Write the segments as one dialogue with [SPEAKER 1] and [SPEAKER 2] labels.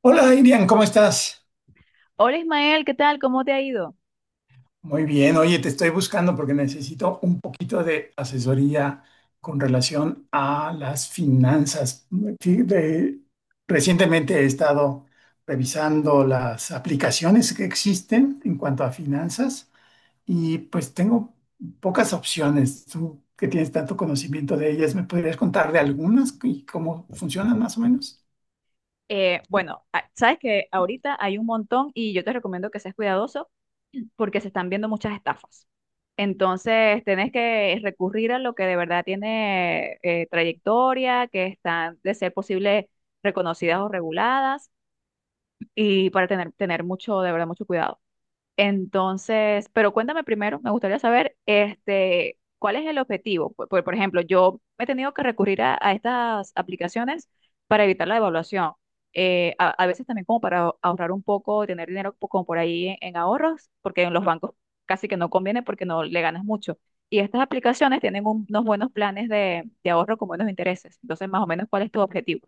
[SPEAKER 1] Hola, Irian, ¿cómo estás?
[SPEAKER 2] Hola Ismael, ¿qué tal? ¿Cómo te ha ido?
[SPEAKER 1] Muy bien, oye, te estoy buscando porque necesito un poquito de asesoría con relación a las finanzas. Sí, recientemente he estado revisando las aplicaciones que existen en cuanto a finanzas y pues tengo pocas opciones. Tú que tienes tanto conocimiento de ellas, ¿me podrías contar de algunas y cómo funcionan más o menos?
[SPEAKER 2] Sabes que ahorita hay un montón y yo te recomiendo que seas cuidadoso porque se están viendo muchas estafas. Entonces, tenés que recurrir a lo que de verdad tiene trayectoria, que están de ser posible reconocidas o reguladas y para tener mucho, de verdad, mucho cuidado. Entonces, pero cuéntame primero, me gustaría saber, este, ¿cuál es el objetivo? Por ejemplo, yo he tenido que recurrir a estas aplicaciones para evitar la devaluación. A veces también como para ahorrar un poco, tener dinero como por ahí en ahorros, porque en los bancos casi que no conviene porque no le ganas mucho. Y estas aplicaciones tienen unos buenos planes de ahorro con buenos intereses. Entonces, más o menos, ¿cuál es tu objetivo?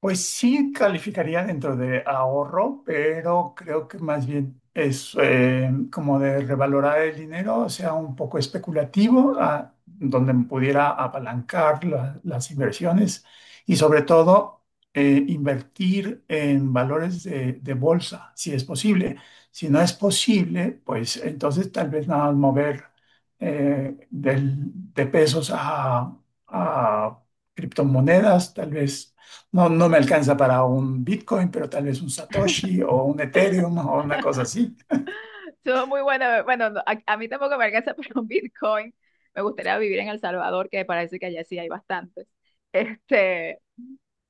[SPEAKER 1] Pues sí calificaría dentro de ahorro, pero creo que más bien es como de revalorar el dinero, o sea, un poco especulativo, donde me pudiera apalancar las inversiones y sobre todo invertir en valores de bolsa, si es posible. Si no es posible, pues entonces tal vez nada más mover de pesos a criptomonedas, tal vez no, no me alcanza para un Bitcoin, pero tal vez un Satoshi o un Ethereum o una cosa así.
[SPEAKER 2] Estuvo muy bueno. Bueno, no, a mí tampoco me alcanza para un Bitcoin. Me gustaría vivir en El Salvador, que me parece que allá sí hay bastantes. Este,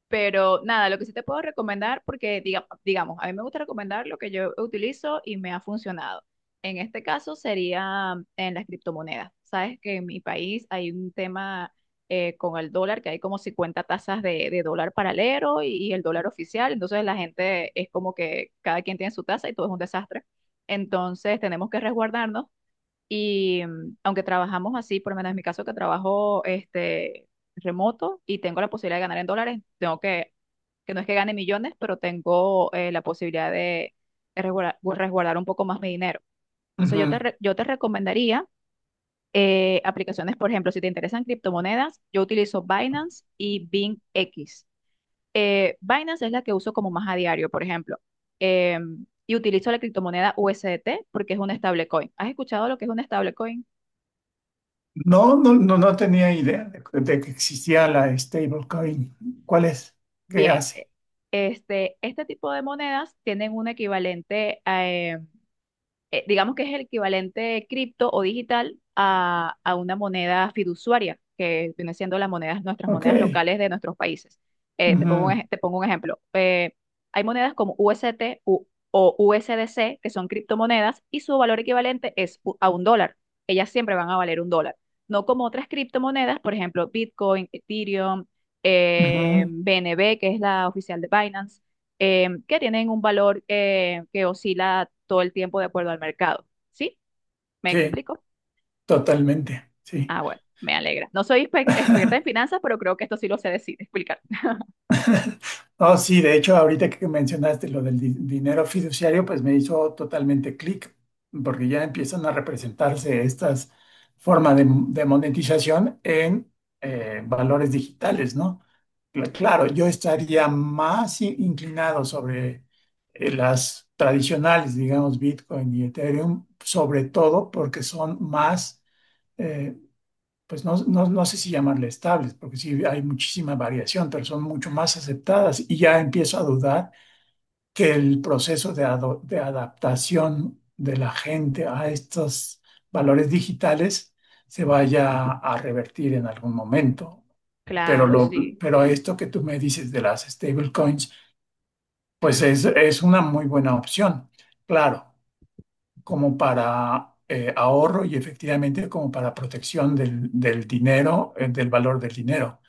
[SPEAKER 2] pero nada, lo que sí te puedo recomendar, porque digamos, a mí me gusta recomendar lo que yo utilizo y me ha funcionado. En este caso sería en las criptomonedas. Sabes que en mi país hay un tema con el dólar, que hay como 50 tasas de dólar paralelo y el dólar oficial. Entonces la gente es como que cada quien tiene su tasa y todo es un desastre. Entonces tenemos que resguardarnos y aunque trabajamos así, por lo menos en mi caso que trabajo este, remoto y tengo la posibilidad de ganar en dólares, tengo que no es que gane millones, pero tengo la posibilidad de resguardar, un poco más mi dinero. Entonces
[SPEAKER 1] Ujú.
[SPEAKER 2] yo te recomendaría aplicaciones, por ejemplo, si te interesan criptomonedas, yo utilizo Binance y BingX. Binance es la que uso como más a diario, por ejemplo, eh, y utilizo la criptomoneda USDT porque es un stablecoin. ¿Has escuchado lo que es un stablecoin?
[SPEAKER 1] No, no, no, no tenía idea de que existía la stablecoin. ¿Cuál es? ¿Qué
[SPEAKER 2] Bien,
[SPEAKER 1] hace?
[SPEAKER 2] este, este tipo de monedas tienen un equivalente digamos que es el equivalente cripto o digital a una moneda fiduciaria, que viene siendo las monedas, nuestras
[SPEAKER 1] Ok.
[SPEAKER 2] monedas locales de nuestros países.
[SPEAKER 1] Ujú,
[SPEAKER 2] Te pongo un ejemplo. Hay monedas como UST o USDC, que son criptomonedas, y su valor equivalente es a un dólar. Ellas siempre van a valer un dólar. No como otras criptomonedas, por ejemplo, Bitcoin, Ethereum,
[SPEAKER 1] ujú.
[SPEAKER 2] BNB, que es la oficial de Binance que tienen un valor que oscila todo el tiempo de acuerdo al mercado. ¿Sí? ¿Me
[SPEAKER 1] Sí,
[SPEAKER 2] explico?
[SPEAKER 1] totalmente. Sí.
[SPEAKER 2] Ah, bueno, me alegra. No soy experta en finanzas, pero creo que esto sí lo sé decir, explicar.
[SPEAKER 1] No, sí, de hecho, ahorita que mencionaste lo del dinero fiduciario, pues me hizo totalmente clic, porque ya empiezan a representarse estas formas de monetización en valores digitales, ¿no? Claro, yo estaría más inclinado sobre las tradicionales, digamos, Bitcoin y Ethereum, sobre todo porque son más eh, pues no, no, no sé si llamarle estables, porque sí hay muchísima variación, pero son mucho más aceptadas y ya empiezo a dudar que el proceso de, de adaptación de la gente a estos valores digitales se vaya a revertir en algún momento. Pero,
[SPEAKER 2] Claro,
[SPEAKER 1] lo,
[SPEAKER 2] sí.
[SPEAKER 1] pero esto que tú me dices de las stablecoins, pues es una muy buena opción, claro, como para ahorro y efectivamente como para protección del, del dinero, del valor del dinero,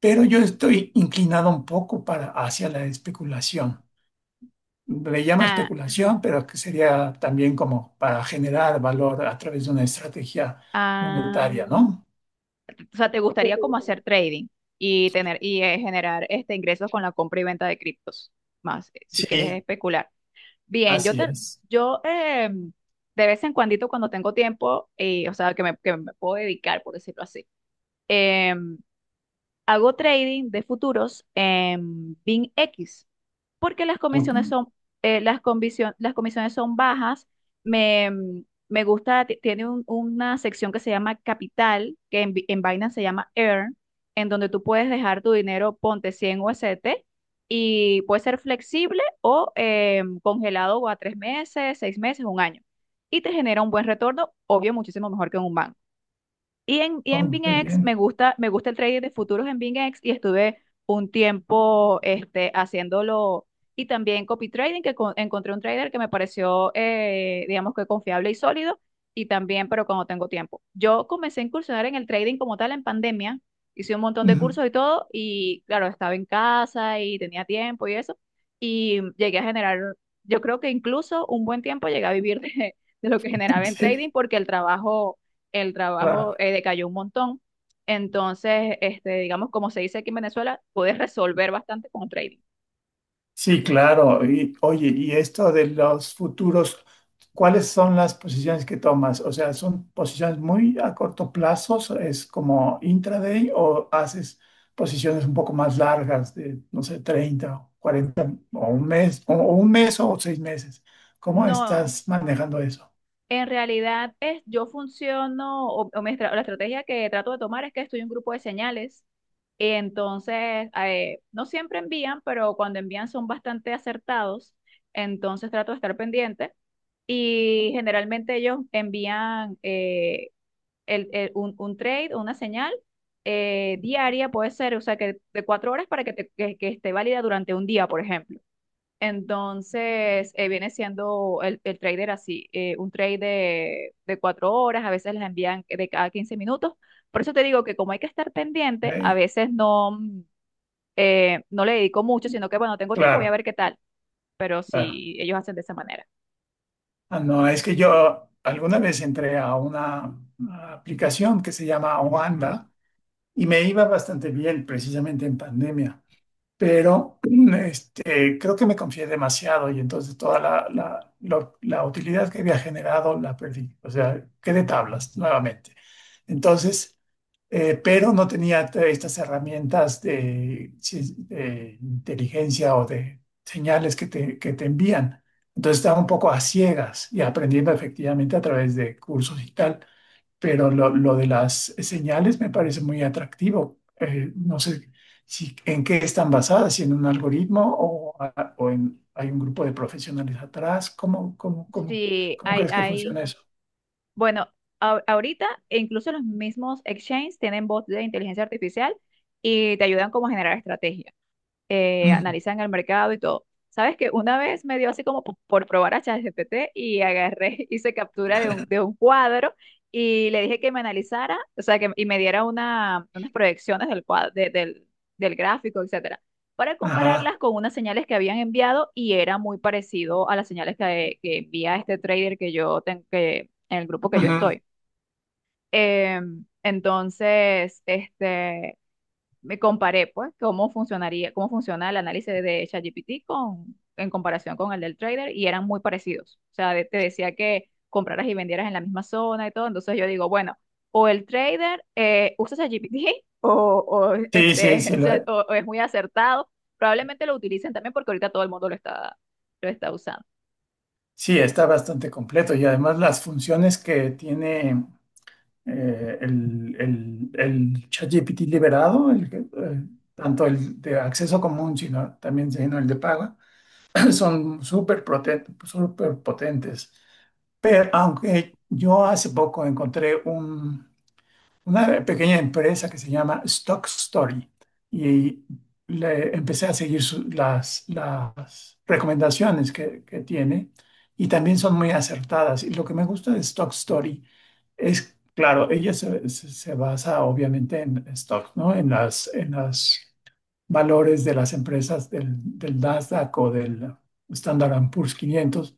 [SPEAKER 1] pero yo estoy inclinado un poco para, hacia la especulación. Le llama
[SPEAKER 2] Ah,
[SPEAKER 1] especulación, pero que sería también como para generar valor a través de una estrategia
[SPEAKER 2] ah,
[SPEAKER 1] monetaria, ¿no?
[SPEAKER 2] o sea, ¿te gustaría como hacer trading y tener y generar este ingresos con la compra y venta de criptos? Más, si quieres
[SPEAKER 1] Sí,
[SPEAKER 2] especular. Bien,
[SPEAKER 1] así es.
[SPEAKER 2] yo de vez en cuando, cuando tengo tiempo, o sea, que me puedo dedicar, por decirlo así. em, Hago trading de futuros en BINX porque las
[SPEAKER 1] Ok.
[SPEAKER 2] comisiones son, las comisiones son bajas. Me, mm, Me gusta, tiene una sección que se llama Capital, que en Binance se llama Earn, en donde tú puedes dejar tu dinero, ponte 100 USDT, y puede ser flexible o congelado o a tres meses, seis meses, un año. Y te genera un buen retorno, obvio, muchísimo mejor que en un banco. Y en
[SPEAKER 1] Oh, qué
[SPEAKER 2] BingX
[SPEAKER 1] bien.
[SPEAKER 2] me gusta el trading de futuros en BingX y estuve un tiempo este, haciéndolo y también copy trading, que encontré un trader que me pareció, digamos que confiable y sólido y también, pero cuando tengo tiempo. Yo comencé a incursionar en el trading como tal en pandemia, hice un montón de
[SPEAKER 1] Ujú.
[SPEAKER 2] cursos y todo y claro, estaba en casa y tenía tiempo y eso y llegué a generar, yo creo que incluso un buen tiempo llegué a vivir de lo que generaba en trading
[SPEAKER 1] Sí,
[SPEAKER 2] porque el trabajo
[SPEAKER 1] claro.
[SPEAKER 2] decayó un montón. Entonces, este, digamos, como se dice aquí en Venezuela, puedes resolver bastante con trading.
[SPEAKER 1] Sí, claro. Y, oye, y esto de los futuros, ¿cuáles son las posiciones que tomas? O sea, ¿son posiciones muy a corto plazo? ¿Es como intraday o haces posiciones un poco más largas de, no sé, 30, o 40 o un mes o un mes o seis meses? ¿Cómo
[SPEAKER 2] No,
[SPEAKER 1] estás manejando eso?
[SPEAKER 2] en realidad es, yo funciono, o la estrategia que trato de tomar es que estoy en un grupo de señales. Entonces, no siempre envían, pero cuando envían son bastante acertados. Entonces trato de estar pendiente. Y generalmente ellos envían, un trade, una señal diaria puede ser, o sea, que de 4 horas para que, que esté válida durante un día, por ejemplo. Entonces, viene siendo el trader así, un trade de 4 horas, a veces les envían de cada 15 minutos. Por eso te digo que como hay que estar pendiente, a
[SPEAKER 1] Ok.
[SPEAKER 2] veces no le dedico mucho, sino que, bueno, tengo tiempo, voy a
[SPEAKER 1] Claro,
[SPEAKER 2] ver qué tal. Pero
[SPEAKER 1] claro.
[SPEAKER 2] si ellos hacen de esa manera.
[SPEAKER 1] Ah, no, es que yo alguna vez entré a una aplicación que se llama Wanda y me iba bastante bien precisamente en pandemia, pero creo que me confié demasiado y entonces toda la utilidad que había generado la perdí, o sea, quedé tablas nuevamente. Entonces, pero no tenía estas herramientas de, de inteligencia o de señales que te envían. Entonces estaba un poco a ciegas y aprendiendo efectivamente a través de cursos y tal, pero lo de las señales me parece muy atractivo. No sé si, en qué están basadas, si en un algoritmo o, a- o en, hay un grupo de profesionales atrás.
[SPEAKER 2] Sí,
[SPEAKER 1] Cómo
[SPEAKER 2] hay,
[SPEAKER 1] crees que
[SPEAKER 2] hay
[SPEAKER 1] funciona eso?
[SPEAKER 2] Bueno, ahorita e incluso los mismos exchanges tienen bots de inteligencia artificial y te ayudan como a generar estrategias
[SPEAKER 1] Mm.
[SPEAKER 2] analizan el mercado y todo. Sabes que una vez me dio así como por probar a ChatGPT y agarré, hice captura de un cuadro y le dije que me analizara, o sea, que, y me diera una, unas proyecciones del cuadro, del, del gráfico, etcétera, para compararlas
[SPEAKER 1] Ajá.
[SPEAKER 2] con unas señales que habían enviado y era muy parecido a las señales que envía este trader que yo tengo, que, en el grupo que yo
[SPEAKER 1] Ujú.
[SPEAKER 2] estoy. Entonces, este, me comparé, pues, cómo funcionaría, cómo funciona el análisis de ChatGPT con, en comparación con el del trader y eran muy parecidos. O sea, te decía que compraras y vendieras en la misma zona y todo. Entonces yo digo, bueno, o el trader usa ChatGPT o,
[SPEAKER 1] Sí, sí,
[SPEAKER 2] este,
[SPEAKER 1] sí, lo-
[SPEAKER 2] o es muy acertado. Probablemente lo utilicen también porque ahorita todo el mundo lo está usando.
[SPEAKER 1] sí, está bastante completo y además las funciones que tiene el ChatGPT liberado, el que, tanto el de acceso común, sino también sino el de paga son súper potentes. Pero aunque yo hace poco encontré una pequeña empresa que se llama Stock Story y le empecé a seguir las recomendaciones que tiene y también son muy acertadas. Y lo que me gusta de Stock Story es, claro, ella se basa obviamente en stock, ¿no? En las valores de las empresas del, del Nasdaq o del Standard and Poor's 500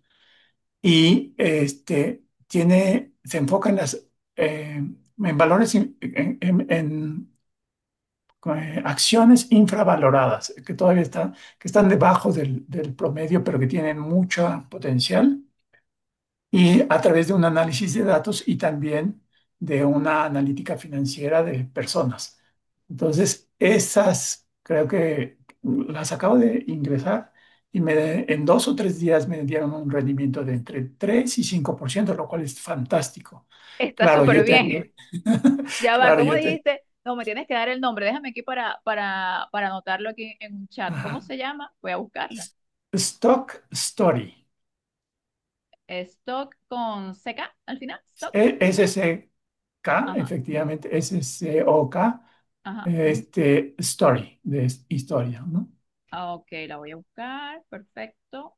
[SPEAKER 1] y este, tiene, se enfoca en, las, eh, en valores, en, en- en, acciones infravaloradas, que todavía están, que están debajo del, del promedio, pero que tienen mucho potencial y a través de un análisis de datos y también de una analítica financiera de personas. Entonces, esas creo que las acabo de ingresar y me, en 2 o 3 días me dieron un rendimiento de entre 3 y 5%, lo cual es fantástico.
[SPEAKER 2] Está
[SPEAKER 1] Claro,
[SPEAKER 2] súper
[SPEAKER 1] yo tengo,
[SPEAKER 2] bien. Ya va,
[SPEAKER 1] claro,
[SPEAKER 2] ¿cómo
[SPEAKER 1] yo tengo.
[SPEAKER 2] dijiste? No, me tienes que dar el nombre. Déjame aquí para anotarlo aquí en un chat. ¿Cómo se llama? Voy a buscarlo.
[SPEAKER 1] Stock Story,
[SPEAKER 2] Stock con CK al final. Stock.
[SPEAKER 1] S S K
[SPEAKER 2] Ajá,
[SPEAKER 1] efectivamente, S S O K,
[SPEAKER 2] ajá.
[SPEAKER 1] este, Story, de historia, ¿no?
[SPEAKER 2] Ah, ok, la voy a buscar. Perfecto.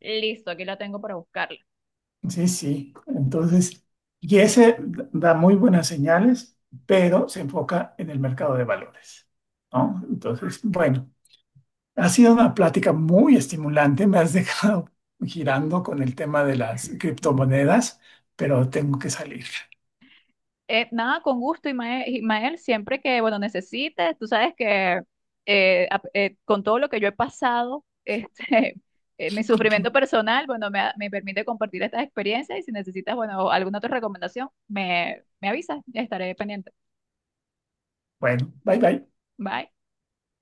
[SPEAKER 2] Listo, aquí la tengo para buscarla.
[SPEAKER 1] Sí, sí. Entonces, y ese da muy buenas señales, pero se enfoca en el mercado de valores, ¿no? Entonces, bueno, ha sido una plática muy estimulante. Me has dejado girando con el tema de las criptomonedas, pero tengo que salir.
[SPEAKER 2] Nada, con gusto, Imael, siempre que, bueno, necesites, tú sabes que con todo lo que yo he pasado, este, mi sufrimiento personal, bueno, me permite compartir estas experiencias y si necesitas, bueno, alguna otra recomendación, me avisas, estaré pendiente.
[SPEAKER 1] Bueno, bye bye.
[SPEAKER 2] Bye.